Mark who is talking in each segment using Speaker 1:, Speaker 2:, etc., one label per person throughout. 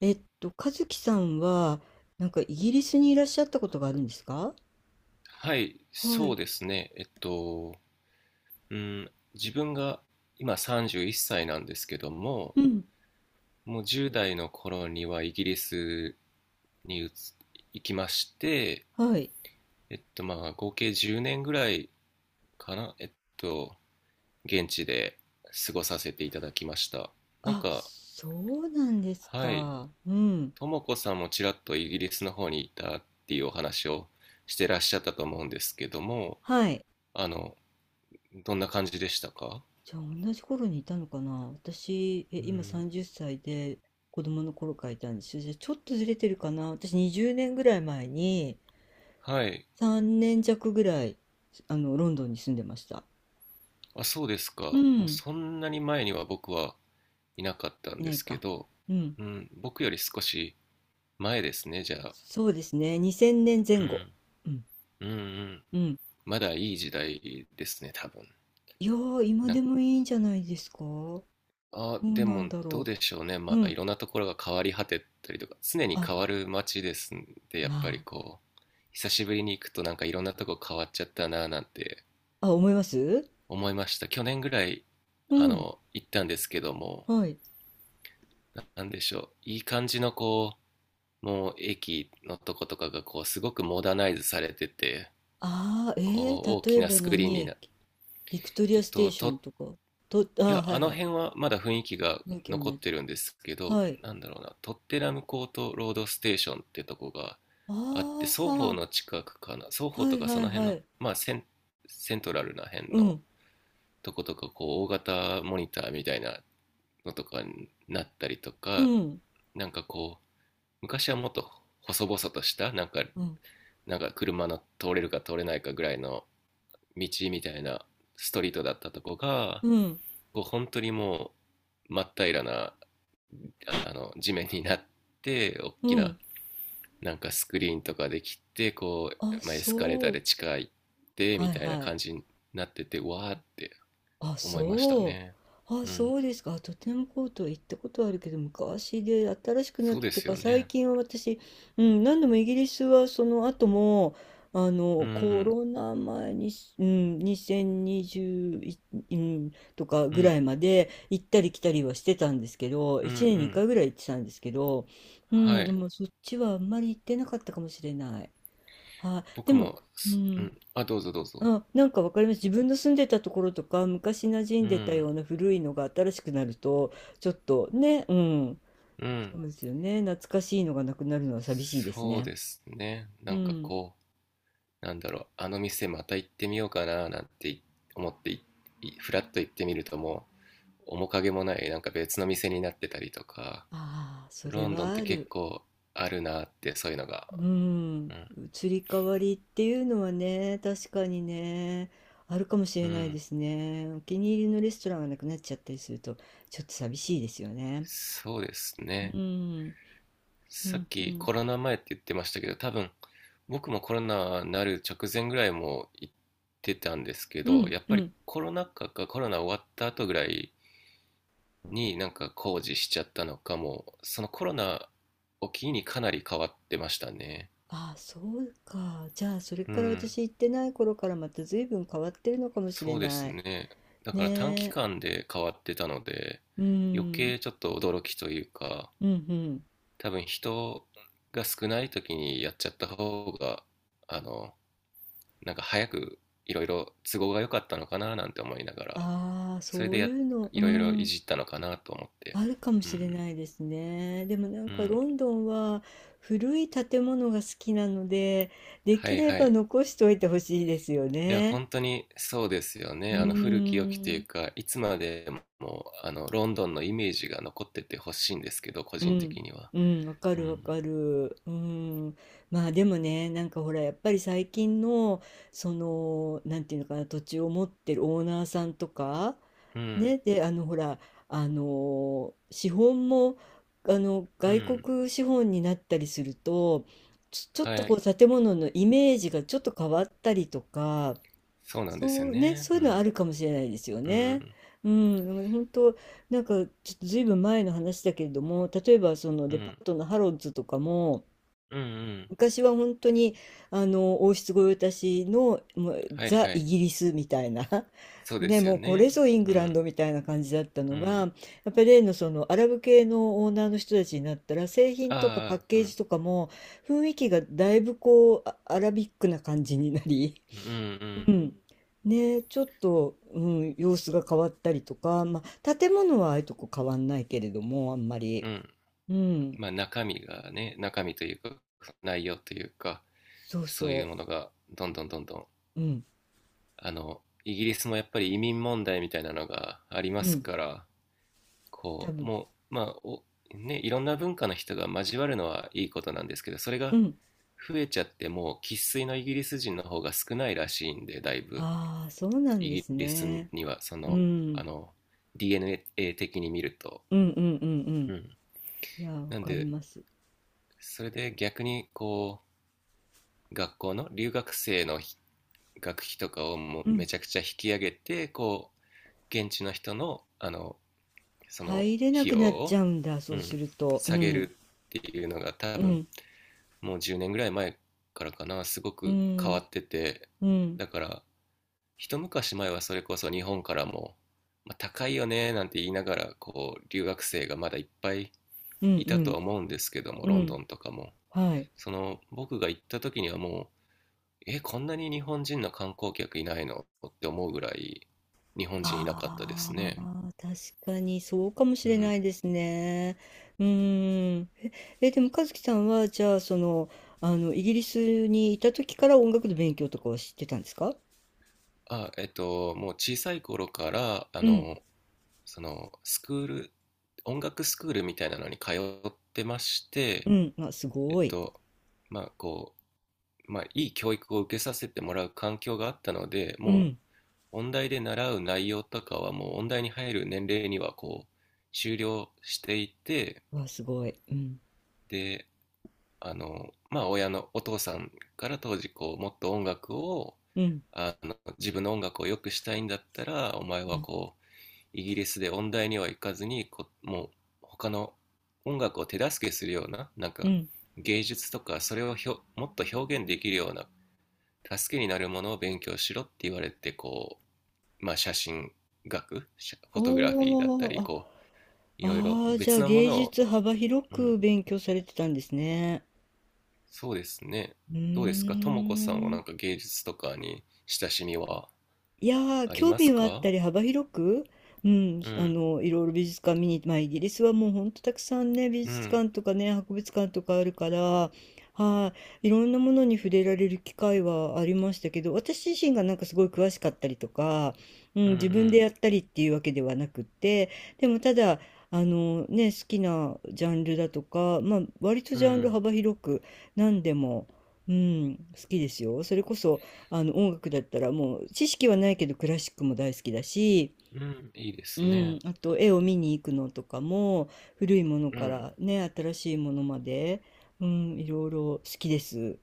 Speaker 1: 和樹さんは、なんかイギリスにいらっしゃったことがあるんですか？
Speaker 2: はい、
Speaker 1: は
Speaker 2: そう
Speaker 1: い。
Speaker 2: ですね。うん、自分が今31歳なんですけども、
Speaker 1: うん。
Speaker 2: もう10代の頃にはイギリスに行きまして、
Speaker 1: はい。
Speaker 2: 合計10年ぐらいかな、と、現地で過ごさせていただきました。なん
Speaker 1: あ、
Speaker 2: か、
Speaker 1: そうなんです
Speaker 2: はい、
Speaker 1: か。うん。
Speaker 2: ともこさんもちらっとイギリスの方にいたっていうお話をしてらっしゃったと思うんですけども、
Speaker 1: はい。
Speaker 2: あの、どんな感じでしたか？
Speaker 1: じゃあ、同じ頃にいたのかな、私、
Speaker 2: う
Speaker 1: 今
Speaker 2: ん。
Speaker 1: 30歳で、子供の頃からいたんですよ。じゃあ、ちょっとずれてるかな、私、20年ぐらい前に、
Speaker 2: はい。
Speaker 1: 3年弱ぐらい、ロンドンに住んでました。
Speaker 2: あ、そうです
Speaker 1: う
Speaker 2: か。もう
Speaker 1: ん。
Speaker 2: そんなに前には僕はいなかったん
Speaker 1: い
Speaker 2: で
Speaker 1: ない
Speaker 2: すけ
Speaker 1: か。
Speaker 2: ど、
Speaker 1: うん。
Speaker 2: うん、僕より少し前ですね、じゃあ。
Speaker 1: そうですね。2000年前
Speaker 2: う
Speaker 1: 後。
Speaker 2: ん、
Speaker 1: うん。
Speaker 2: うん、うん。
Speaker 1: うん。
Speaker 2: まだいい時代ですね、多分。
Speaker 1: いやー、今
Speaker 2: な
Speaker 1: で
Speaker 2: ん
Speaker 1: もいいんじゃないですか？ど
Speaker 2: あ、
Speaker 1: う
Speaker 2: で
Speaker 1: なん
Speaker 2: も
Speaker 1: だ
Speaker 2: どう
Speaker 1: ろ
Speaker 2: でしょうね。
Speaker 1: う。う
Speaker 2: い
Speaker 1: ん。
Speaker 2: ろんなところが変わり果てたりとか、常に
Speaker 1: あ、
Speaker 2: 変わる街ですんで、やっ
Speaker 1: ま
Speaker 2: ぱり久しぶりに行くとなんかいろんなとこ変わっちゃったな、なんて
Speaker 1: あ。あ、思います。
Speaker 2: 思いました。去年ぐらい、
Speaker 1: うん。
Speaker 2: 行ったんですけども、
Speaker 1: はい。
Speaker 2: なんでしょう。いい感じのもう駅のとことかがすごくモダナイズされてて、
Speaker 1: ああ、
Speaker 2: 大
Speaker 1: 例
Speaker 2: き
Speaker 1: え
Speaker 2: な
Speaker 1: ば
Speaker 2: スクリーン
Speaker 1: 何
Speaker 2: になっ
Speaker 1: 駅？ビクトリ
Speaker 2: て
Speaker 1: アステーションとか。と、あー、
Speaker 2: いや、
Speaker 1: は
Speaker 2: あ
Speaker 1: いは
Speaker 2: の
Speaker 1: い。
Speaker 2: 辺はまだ雰囲気が
Speaker 1: 雰囲同
Speaker 2: 残っ
Speaker 1: じ。
Speaker 2: てるんですけど、
Speaker 1: はい。
Speaker 2: なんだろうな、トッテナムコートロードステーションってとこがあって、
Speaker 1: あ
Speaker 2: 双方の近くかな、双
Speaker 1: あ、
Speaker 2: 方
Speaker 1: は
Speaker 2: と
Speaker 1: い
Speaker 2: か
Speaker 1: は
Speaker 2: そ
Speaker 1: い
Speaker 2: の辺
Speaker 1: は
Speaker 2: の
Speaker 1: い。
Speaker 2: セントラルな辺
Speaker 1: う
Speaker 2: の
Speaker 1: ん。
Speaker 2: とことか、大型モニターみたいなのとかになったりと
Speaker 1: う
Speaker 2: か、
Speaker 1: ん。
Speaker 2: なんかこう昔はもっと細々とした、なんか、
Speaker 1: うん。
Speaker 2: なんか車の通れるか通れないかぐらいの道みたいなストリートだったとこが、
Speaker 1: うん。
Speaker 2: 本当にもう真っ平らな、あの地面になって、大
Speaker 1: う
Speaker 2: きな
Speaker 1: ん。
Speaker 2: なんかスクリーンとかできて、
Speaker 1: あ、
Speaker 2: エスカレータ
Speaker 1: そ
Speaker 2: ー
Speaker 1: う。
Speaker 2: で地下行って
Speaker 1: は
Speaker 2: み
Speaker 1: い
Speaker 2: たいな
Speaker 1: はい。
Speaker 2: 感じになってて、わーって
Speaker 1: あ、
Speaker 2: 思いました
Speaker 1: そ
Speaker 2: ね。
Speaker 1: う。あ、
Speaker 2: うん、
Speaker 1: そうですか。あとてもコートは行ったことあるけど、昔で新しくなっ
Speaker 2: そうで
Speaker 1: て
Speaker 2: すよ
Speaker 1: か、最
Speaker 2: ね。
Speaker 1: 近は私、うん、何度もイギリスはその後も、
Speaker 2: う
Speaker 1: コ
Speaker 2: ん、
Speaker 1: ロナ前に、うん、2020、うん、とか
Speaker 2: う
Speaker 1: ぐらい
Speaker 2: ん、
Speaker 1: まで行ったり来たりはしてたんですけど、
Speaker 2: うん、う
Speaker 1: 1年に
Speaker 2: ん。
Speaker 1: 回ぐらい行ってたんですけど、う
Speaker 2: は
Speaker 1: ん、で
Speaker 2: い。
Speaker 1: もそっちはあんまり行ってなかったかもしれない。はい、で
Speaker 2: 僕
Speaker 1: も、
Speaker 2: も
Speaker 1: う
Speaker 2: すう
Speaker 1: ん、
Speaker 2: ん。あ、どうぞどうぞ。
Speaker 1: あ、なんかわかります。自分の住んでたところとか、昔馴染
Speaker 2: う
Speaker 1: んでた
Speaker 2: ん。
Speaker 1: ような古いのが新しくなると、ちょっとね、うん、
Speaker 2: うん、
Speaker 1: そうですよね。懐かしいのがなくなるのは寂しいです
Speaker 2: そう
Speaker 1: ね。
Speaker 2: ですね。な
Speaker 1: う
Speaker 2: んか、
Speaker 1: ん。
Speaker 2: なんだろう、あの店また行ってみようかななんて、ふらっと行ってみるともう、面影もない、なんか別の店になってたりとか、
Speaker 1: ああ、そ
Speaker 2: ロ
Speaker 1: れ
Speaker 2: ンドンっ
Speaker 1: は
Speaker 2: て
Speaker 1: あ
Speaker 2: 結
Speaker 1: る。
Speaker 2: 構あるなって、そういうのが。
Speaker 1: うん。
Speaker 2: うん。
Speaker 1: 移り変わりっていうのはね、確かにね、あるかもし
Speaker 2: う
Speaker 1: れないで
Speaker 2: ん。
Speaker 1: すね。お気に入りのレストランがなくなっちゃったりすると、ちょっと寂しいですよね。
Speaker 2: そうですね。
Speaker 1: うん。う
Speaker 2: さっ
Speaker 1: ん、う
Speaker 2: き
Speaker 1: ん。
Speaker 2: コロナ前って言ってましたけど、多分僕もコロナになる直前ぐらいも行ってたんですけ
Speaker 1: う
Speaker 2: ど、
Speaker 1: ん、
Speaker 2: やっ
Speaker 1: う
Speaker 2: ぱり
Speaker 1: ん。
Speaker 2: コロナ禍かコロナ終わった後ぐらいに、なんか工事しちゃったのかも、そのコロナを機にかなり変わってましたね。
Speaker 1: ああ、そうか。じゃあ、それ
Speaker 2: う
Speaker 1: から
Speaker 2: ん、
Speaker 1: 私行ってない頃からまた随分変わってるのかもしれ
Speaker 2: そうで
Speaker 1: な
Speaker 2: す
Speaker 1: い。
Speaker 2: ね。だから短
Speaker 1: ね
Speaker 2: 期
Speaker 1: え。
Speaker 2: 間で変わってたので、
Speaker 1: う
Speaker 2: 余
Speaker 1: ん。
Speaker 2: 計ちょっと驚きというか、
Speaker 1: うんうん。
Speaker 2: 多分人が少ない時にやっちゃった方が、あの、なんか早くいろいろ都合が良かったのかな、なんて思いながら、
Speaker 1: ああ、
Speaker 2: それ
Speaker 1: そ
Speaker 2: で
Speaker 1: うい
Speaker 2: や、
Speaker 1: うの、う
Speaker 2: いろいろい
Speaker 1: ん。
Speaker 2: じったのかなと思って。
Speaker 1: あるかも
Speaker 2: う
Speaker 1: しれ
Speaker 2: ん、
Speaker 1: ないですね。でもなん
Speaker 2: う
Speaker 1: か
Speaker 2: ん、
Speaker 1: ロンドンは古い建物が好きなので、で
Speaker 2: は
Speaker 1: き
Speaker 2: い
Speaker 1: れ
Speaker 2: は
Speaker 1: ば
Speaker 2: い。
Speaker 1: 残しておいてほしいですよ
Speaker 2: いや、
Speaker 1: ね。
Speaker 2: 本当にそうですよ
Speaker 1: う
Speaker 2: ね。あの古き良きという
Speaker 1: ん。
Speaker 2: か、いつまでもあのロンドンのイメージが残っててほしいんですけど、個
Speaker 1: う
Speaker 2: 人
Speaker 1: ん、
Speaker 2: 的には。
Speaker 1: うん、わか
Speaker 2: う
Speaker 1: るわ
Speaker 2: ん。
Speaker 1: かる。うん。まあでもね、なんかほら、やっぱり最近の、その、なんていうのかな、土地を持ってるオーナーさんとか、
Speaker 2: うん。
Speaker 1: ね、で、ほら、資本も、
Speaker 2: う
Speaker 1: 外
Speaker 2: ん。
Speaker 1: 国資本になったりすると、ちょっと
Speaker 2: は
Speaker 1: こ
Speaker 2: い。
Speaker 1: う、建物のイメージがちょっと変わったりとか、
Speaker 2: そうなんですよ
Speaker 1: そうね、
Speaker 2: ね。
Speaker 1: そう
Speaker 2: う
Speaker 1: いうのはあ
Speaker 2: ん。
Speaker 1: るかもしれないですよ
Speaker 2: う
Speaker 1: ね。
Speaker 2: ん。
Speaker 1: うん、だから本当、なんか、ちょっとずいぶん前の話だけれども、例えばその
Speaker 2: う
Speaker 1: デパ
Speaker 2: ん。
Speaker 1: ートのハロッズとかも、
Speaker 2: うん。うん。
Speaker 1: 昔は本当にあの王室御用達のもう
Speaker 2: はい
Speaker 1: ザ・
Speaker 2: は
Speaker 1: イ
Speaker 2: い。
Speaker 1: ギリスみたいな
Speaker 2: そうで
Speaker 1: ね、
Speaker 2: すよ
Speaker 1: もうこれ
Speaker 2: ね。
Speaker 1: ぞイング
Speaker 2: う
Speaker 1: ラン
Speaker 2: ん。
Speaker 1: ドみたいな感じだった
Speaker 2: う
Speaker 1: のが、
Speaker 2: ん。
Speaker 1: やっぱり例のそのアラブ系のオーナーの人たちになったら、製品とかパッ
Speaker 2: ああ、う
Speaker 1: ケージ
Speaker 2: ん。
Speaker 1: とかも雰囲気がだいぶこうあアラビックな感じになり、
Speaker 2: う
Speaker 1: う
Speaker 2: ん。
Speaker 1: ん。ね、ちょっと、うん、様子が変わったりとか、まあ、建物はああいうとこ変わんないけれども、あんま
Speaker 2: う
Speaker 1: り。
Speaker 2: ん。うん。
Speaker 1: うん。
Speaker 2: まあ中身がね、中身というか、内容というか、
Speaker 1: そう
Speaker 2: そういう
Speaker 1: そ
Speaker 2: ものがどんどんどんどん、
Speaker 1: う。うん。
Speaker 2: イギリスもやっぱり移民問題みたいなのがあり
Speaker 1: う
Speaker 2: ます
Speaker 1: ん。
Speaker 2: から、
Speaker 1: 多
Speaker 2: こう、
Speaker 1: 分。
Speaker 2: もう、まあ、お、ね、いろんな文化の人が交わるのはいいことなんですけど、それ
Speaker 1: う
Speaker 2: が
Speaker 1: ん。
Speaker 2: 増えちゃってもう生粋のイギリス人の方が少ないらしいんで、だいぶ。
Speaker 1: ああ、そうなん
Speaker 2: イ
Speaker 1: で
Speaker 2: ギ
Speaker 1: す
Speaker 2: リス
Speaker 1: ね。
Speaker 2: には、
Speaker 1: うん。
Speaker 2: あの、DNA 的に見ると。
Speaker 1: うんうんうんう
Speaker 2: う
Speaker 1: ん。
Speaker 2: ん。
Speaker 1: いや、わ
Speaker 2: なん
Speaker 1: かり
Speaker 2: で、
Speaker 1: ます。
Speaker 2: それで逆に学校の留学生の学費とかをもう
Speaker 1: う
Speaker 2: め
Speaker 1: ん。
Speaker 2: ちゃくちゃ引き上げて、現地の人の、その
Speaker 1: 入れな
Speaker 2: 費
Speaker 1: く
Speaker 2: 用
Speaker 1: なっち
Speaker 2: を、
Speaker 1: ゃうんだ、
Speaker 2: う
Speaker 1: そうす
Speaker 2: ん、
Speaker 1: ると。う
Speaker 2: 下げ
Speaker 1: ん。
Speaker 2: るっていうのが多
Speaker 1: う
Speaker 2: 分
Speaker 1: ん。
Speaker 2: もう10年ぐらい前からかな、すご
Speaker 1: う
Speaker 2: く変わ
Speaker 1: ん。
Speaker 2: ってて、
Speaker 1: うん。
Speaker 2: だから一昔前はそれこそ日本からも、高いよねなんて言いながら留学生がまだいっぱい
Speaker 1: うん
Speaker 2: い
Speaker 1: う
Speaker 2: たとは
Speaker 1: ん。
Speaker 2: 思うんですけども、
Speaker 1: う
Speaker 2: ロンド
Speaker 1: ん。
Speaker 2: ンとかも、
Speaker 1: はい。
Speaker 2: その僕が行った時にはもう、え、こんなに日本人の観光客いないのって思うぐらい日本人いなかったです
Speaker 1: あ
Speaker 2: ね。
Speaker 1: あ、確かにそうかもし
Speaker 2: う
Speaker 1: れな
Speaker 2: ん、
Speaker 1: いですね。うーん。でも和樹さんは、じゃあ、イギリスにいた時から音楽の勉強とかは知ってたんですか？
Speaker 2: あ、もう小さい頃から、
Speaker 1: うん、
Speaker 2: スクール、音楽スクールみたいなのに通ってまして、
Speaker 1: うん、あ、す
Speaker 2: えっ
Speaker 1: ごい。
Speaker 2: と、まあ、こいい教育を受けさせてもらう環境があったので、
Speaker 1: う
Speaker 2: も
Speaker 1: ん、
Speaker 2: う、音大で習う内容とかは、もう、音大に入る年齢には、終了していて、
Speaker 1: わ、すごい。うん、
Speaker 2: で、お父さんから当時、もっと音楽を、
Speaker 1: うん、
Speaker 2: 自分の音楽を良くしたいんだったら、お前
Speaker 1: う
Speaker 2: は
Speaker 1: ん、
Speaker 2: イギリスで音大には行かずにもう他の音楽を手助けするようななん
Speaker 1: う
Speaker 2: か
Speaker 1: ん。
Speaker 2: 芸術とか、それをもっと表現できるような助けになるものを勉強しろって言われて、写真学写フォトグラフィーだった
Speaker 1: お
Speaker 2: り、
Speaker 1: ー、あ、
Speaker 2: い
Speaker 1: あ
Speaker 2: ろいろ
Speaker 1: ー、じゃ
Speaker 2: 別
Speaker 1: あ
Speaker 2: なも
Speaker 1: 芸
Speaker 2: のを、
Speaker 1: 術幅広
Speaker 2: うん、
Speaker 1: く勉強されてたんですね。
Speaker 2: そうですね。
Speaker 1: う
Speaker 2: どうです
Speaker 1: ー
Speaker 2: か、ともこさんはなん
Speaker 1: ん。
Speaker 2: か芸術とかに親しみは
Speaker 1: いやー、
Speaker 2: あり
Speaker 1: 興
Speaker 2: ます
Speaker 1: 味はあっ
Speaker 2: か？
Speaker 1: たり幅広く、うん、
Speaker 2: うん、
Speaker 1: いろいろ美術館見に、まあ、イギリスはもうほんとたくさんね、美
Speaker 2: う
Speaker 1: 術
Speaker 2: ん、
Speaker 1: 館とかね、博物館とかあるから、はい、いろんなものに触れられる機会はありましたけど、私自身がなんかすごい詳しかったりとか、うん、
Speaker 2: う
Speaker 1: 自分で
Speaker 2: ん、
Speaker 1: やったりっていうわけではなくって、でもただ、あのね、好きなジャンルだとか、まあ、割と
Speaker 2: うん、
Speaker 1: ジ
Speaker 2: う
Speaker 1: ャンル
Speaker 2: ん、
Speaker 1: 幅広く何でも、うん、好きですよ。それこそ、音楽だったらもう知識はないけどクラシックも大好きだし、
Speaker 2: うん。いいで
Speaker 1: う
Speaker 2: す
Speaker 1: ん、
Speaker 2: ね。
Speaker 1: あと絵を見に行くのとかも古いもの
Speaker 2: う
Speaker 1: か
Speaker 2: ん。
Speaker 1: らね新しいものまで、うん、いろいろ好きです。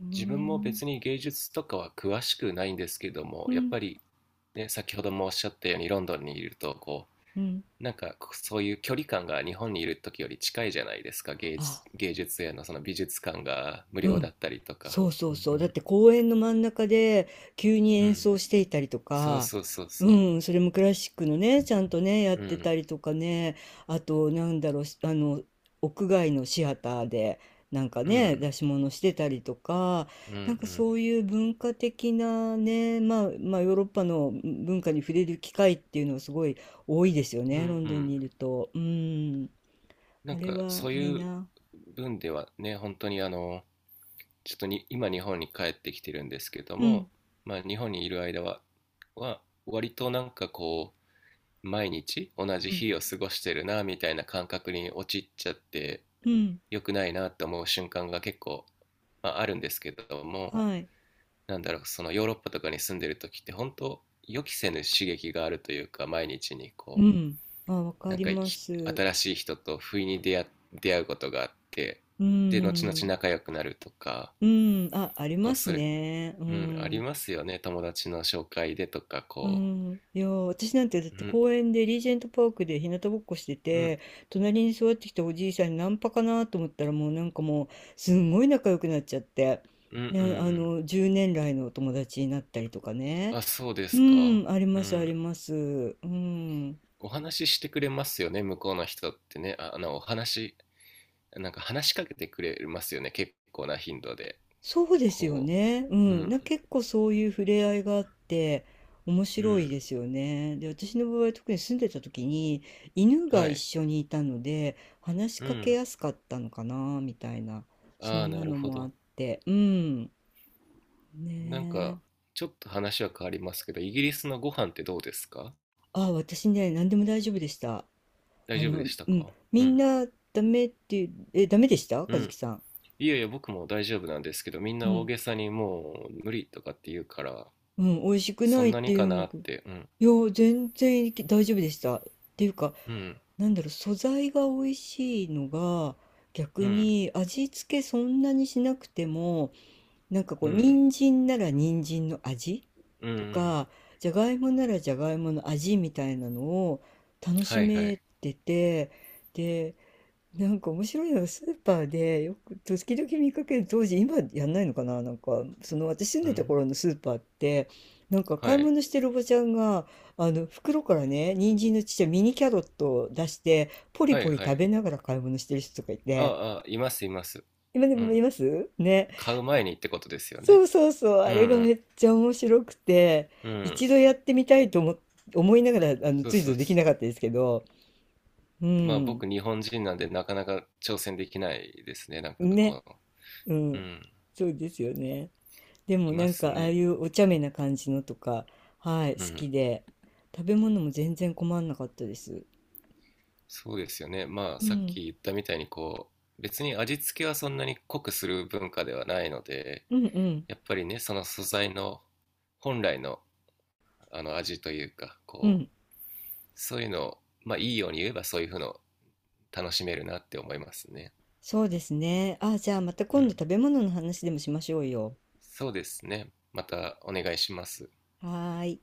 Speaker 1: う
Speaker 2: 自分も
Speaker 1: ん、
Speaker 2: 別に芸術とかは詳しくないんですけども、
Speaker 1: う
Speaker 2: やっ
Speaker 1: ん、
Speaker 2: ぱりね、先ほどもおっしゃったようにロンドンにいると、
Speaker 1: うん。
Speaker 2: なんかそういう距離感が日本にいる時より近いじゃないですか、芸
Speaker 1: あ、
Speaker 2: 術、芸術へのその美術館が無
Speaker 1: う
Speaker 2: 料だ
Speaker 1: ん。
Speaker 2: ったりとか。
Speaker 1: そうそ
Speaker 2: う
Speaker 1: うそう。だっ
Speaker 2: ん、
Speaker 1: て公園の真ん中で急に
Speaker 2: う
Speaker 1: 演奏
Speaker 2: ん、
Speaker 1: していたりと
Speaker 2: そう
Speaker 1: か、
Speaker 2: そうそう
Speaker 1: う
Speaker 2: そ
Speaker 1: ん、それもクラシックのね、ちゃんとね、やっ
Speaker 2: う。う
Speaker 1: てた
Speaker 2: ん、
Speaker 1: りとかね、あと、なんだろう、しあの、屋外のシアターで、なんか
Speaker 2: う
Speaker 1: ね、出
Speaker 2: ん、
Speaker 1: し物してたりとか、
Speaker 2: うん、う
Speaker 1: なんか
Speaker 2: ん、
Speaker 1: そういう文化的なね、まあ、まあ、ヨーロッパの文化に触れる機会っていうのはすごい多いですよ
Speaker 2: うん、う
Speaker 1: ね、ロンドンに
Speaker 2: ん。
Speaker 1: いると。うん、
Speaker 2: な
Speaker 1: あ
Speaker 2: ん
Speaker 1: れ
Speaker 2: か
Speaker 1: は
Speaker 2: そう
Speaker 1: いい
Speaker 2: いう
Speaker 1: な。
Speaker 2: 分ではね、本当にちょっとに今日本に帰ってきてるんですけど
Speaker 1: うん、
Speaker 2: も、まあ、日本にいる間は割となんか毎日同じ
Speaker 1: うん、
Speaker 2: 日を過ごしてるな、みたいな感覚に陥っちゃって、
Speaker 1: うん、
Speaker 2: 良くないなって思う瞬間が結構、あるんですけども、
Speaker 1: はい。
Speaker 2: なんだろう、そのヨーロッパとかに住んでる時って本当、予期せぬ刺激があるというか、毎日に
Speaker 1: うん。あ、わか
Speaker 2: なん
Speaker 1: り
Speaker 2: か
Speaker 1: ます。
Speaker 2: 新しい人と不意に出会うことがあって、
Speaker 1: う
Speaker 2: で後々
Speaker 1: ん。
Speaker 2: 仲良くなるとか、
Speaker 1: うん。あ、あり
Speaker 2: こ
Speaker 1: ま
Speaker 2: う
Speaker 1: す
Speaker 2: する
Speaker 1: ね。う
Speaker 2: うん、あり
Speaker 1: ん。
Speaker 2: ますよね。友達の紹介でとか、
Speaker 1: う
Speaker 2: こ
Speaker 1: ん。いや、私なんてだっ
Speaker 2: う。
Speaker 1: て
Speaker 2: うん、
Speaker 1: 公園でリージェントパークで日向ぼっこして
Speaker 2: うん、
Speaker 1: て、隣に座ってきたおじいさんにナンパかなと思ったらもうなんかもうすんごい仲良くなっちゃって、
Speaker 2: うん、うんうんうん
Speaker 1: ね
Speaker 2: う
Speaker 1: あ
Speaker 2: ん。
Speaker 1: の、10年来のお友達になったりとかね。
Speaker 2: あ、そうで
Speaker 1: う
Speaker 2: すか。
Speaker 1: ん。あり
Speaker 2: う
Speaker 1: ます、あ
Speaker 2: ん。
Speaker 1: ります。うん。
Speaker 2: お話ししてくれますよね、向こうの人ってね。あ、なんか話しかけてくれますよね、結構な頻度で。
Speaker 1: そうですよ
Speaker 2: こ
Speaker 1: ね。う
Speaker 2: う。う
Speaker 1: ん。
Speaker 2: ん、
Speaker 1: 結構そういう触れ合いがあって、面
Speaker 2: う
Speaker 1: 白いで
Speaker 2: ん。
Speaker 1: すよね。で、私の場合、特に住んでた時に、犬が
Speaker 2: は
Speaker 1: 一
Speaker 2: い。
Speaker 1: 緒にいたので、話し
Speaker 2: う
Speaker 1: かけ
Speaker 2: ん。
Speaker 1: やすかったのかな、みたいな。そ
Speaker 2: ああ、
Speaker 1: んな
Speaker 2: なる
Speaker 1: の
Speaker 2: ほ
Speaker 1: もあっ
Speaker 2: ど。
Speaker 1: て。うん。
Speaker 2: なん
Speaker 1: ね
Speaker 2: か、
Speaker 1: え。
Speaker 2: ちょっと話は変わりますけど、イギリスのご飯ってどうですか？
Speaker 1: あ、私ね、何でも大丈夫でした。
Speaker 2: 大丈夫でした
Speaker 1: うん。
Speaker 2: か、う
Speaker 1: みん
Speaker 2: ん。
Speaker 1: な、ダメっていう、ダメでした、
Speaker 2: う
Speaker 1: 和樹
Speaker 2: ん。
Speaker 1: さん。
Speaker 2: いやいや、僕も大丈夫なんですけど、みん
Speaker 1: う
Speaker 2: な大
Speaker 1: ん。
Speaker 2: げさにもう無理とかって言うから、
Speaker 1: うん。美味しく
Speaker 2: そ
Speaker 1: ない
Speaker 2: ん
Speaker 1: っ
Speaker 2: なに
Speaker 1: て
Speaker 2: か
Speaker 1: 言うん
Speaker 2: な
Speaker 1: だ
Speaker 2: っ
Speaker 1: けど。
Speaker 2: て、うん、
Speaker 1: いや、全然大丈夫でした。っていうか、
Speaker 2: うん、
Speaker 1: なんだろう、素材が美味しいのが、
Speaker 2: う
Speaker 1: 逆
Speaker 2: ん、
Speaker 1: に味付けそんなにしなくても、なんかこ
Speaker 2: う
Speaker 1: う、
Speaker 2: ん、
Speaker 1: 人参なら人参の味
Speaker 2: うん、う
Speaker 1: と
Speaker 2: ん、
Speaker 1: か、じゃがいもならじゃがいもの味みたいなのを楽し
Speaker 2: はいは
Speaker 1: め
Speaker 2: い、
Speaker 1: てて、なんか面白いのはスーパーでよく時々見かける、当時、今やんないのかな、なんかその私住ん
Speaker 2: う
Speaker 1: でた
Speaker 2: ん、
Speaker 1: 頃のスーパーって、なんか
Speaker 2: は
Speaker 1: 買い
Speaker 2: い、
Speaker 1: 物してるおばちゃんが、あの袋からね、人参のちっちゃいミニキャロットを出して、ポリ
Speaker 2: は
Speaker 1: ポ
Speaker 2: い
Speaker 1: リ
Speaker 2: は
Speaker 1: 食
Speaker 2: い、
Speaker 1: べながら買い物してる人とかいて、
Speaker 2: ああ、いますいます。
Speaker 1: 今で
Speaker 2: う
Speaker 1: もい
Speaker 2: ん、
Speaker 1: ますね。
Speaker 2: 買う前にってことですよ
Speaker 1: そ
Speaker 2: ね。
Speaker 1: うそうそう、あ
Speaker 2: う
Speaker 1: れがめ
Speaker 2: ん、
Speaker 1: っちゃ面白くて、
Speaker 2: うん、うん、
Speaker 1: 一度やってみたいと思いながら、
Speaker 2: そう
Speaker 1: つい
Speaker 2: そ
Speaker 1: ぞ
Speaker 2: う
Speaker 1: でき
Speaker 2: そ
Speaker 1: なかった
Speaker 2: う。
Speaker 1: ですけど。う
Speaker 2: まあ
Speaker 1: ん。
Speaker 2: 僕日本人なんでなかなか挑戦できないですね、なんかこ
Speaker 1: ね。
Speaker 2: の、
Speaker 1: う
Speaker 2: う
Speaker 1: ん。
Speaker 2: ん、
Speaker 1: そうですよね。でも
Speaker 2: い
Speaker 1: な
Speaker 2: ま
Speaker 1: ん
Speaker 2: す
Speaker 1: かああ
Speaker 2: ね。
Speaker 1: いうお茶目な感じのとか、はい、好
Speaker 2: うん。
Speaker 1: きで、食べ物も全然困んなかったです。
Speaker 2: そうですよね。まあ、
Speaker 1: う
Speaker 2: さっ
Speaker 1: ん、
Speaker 2: き言ったみたいに、別に味付けはそんなに濃くする文化ではないので、
Speaker 1: うんうん
Speaker 2: やっぱりね、その素材の本来の、味というか、
Speaker 1: うん、
Speaker 2: そういうのを、まあ、いいように言えばそういうふうの楽しめるなって思いますね。
Speaker 1: そうですね。あ、じゃあまた
Speaker 2: う
Speaker 1: 今度
Speaker 2: ん。
Speaker 1: 食べ物の話でもしましょうよ。
Speaker 2: そうですね。またお願いします。
Speaker 1: はーい。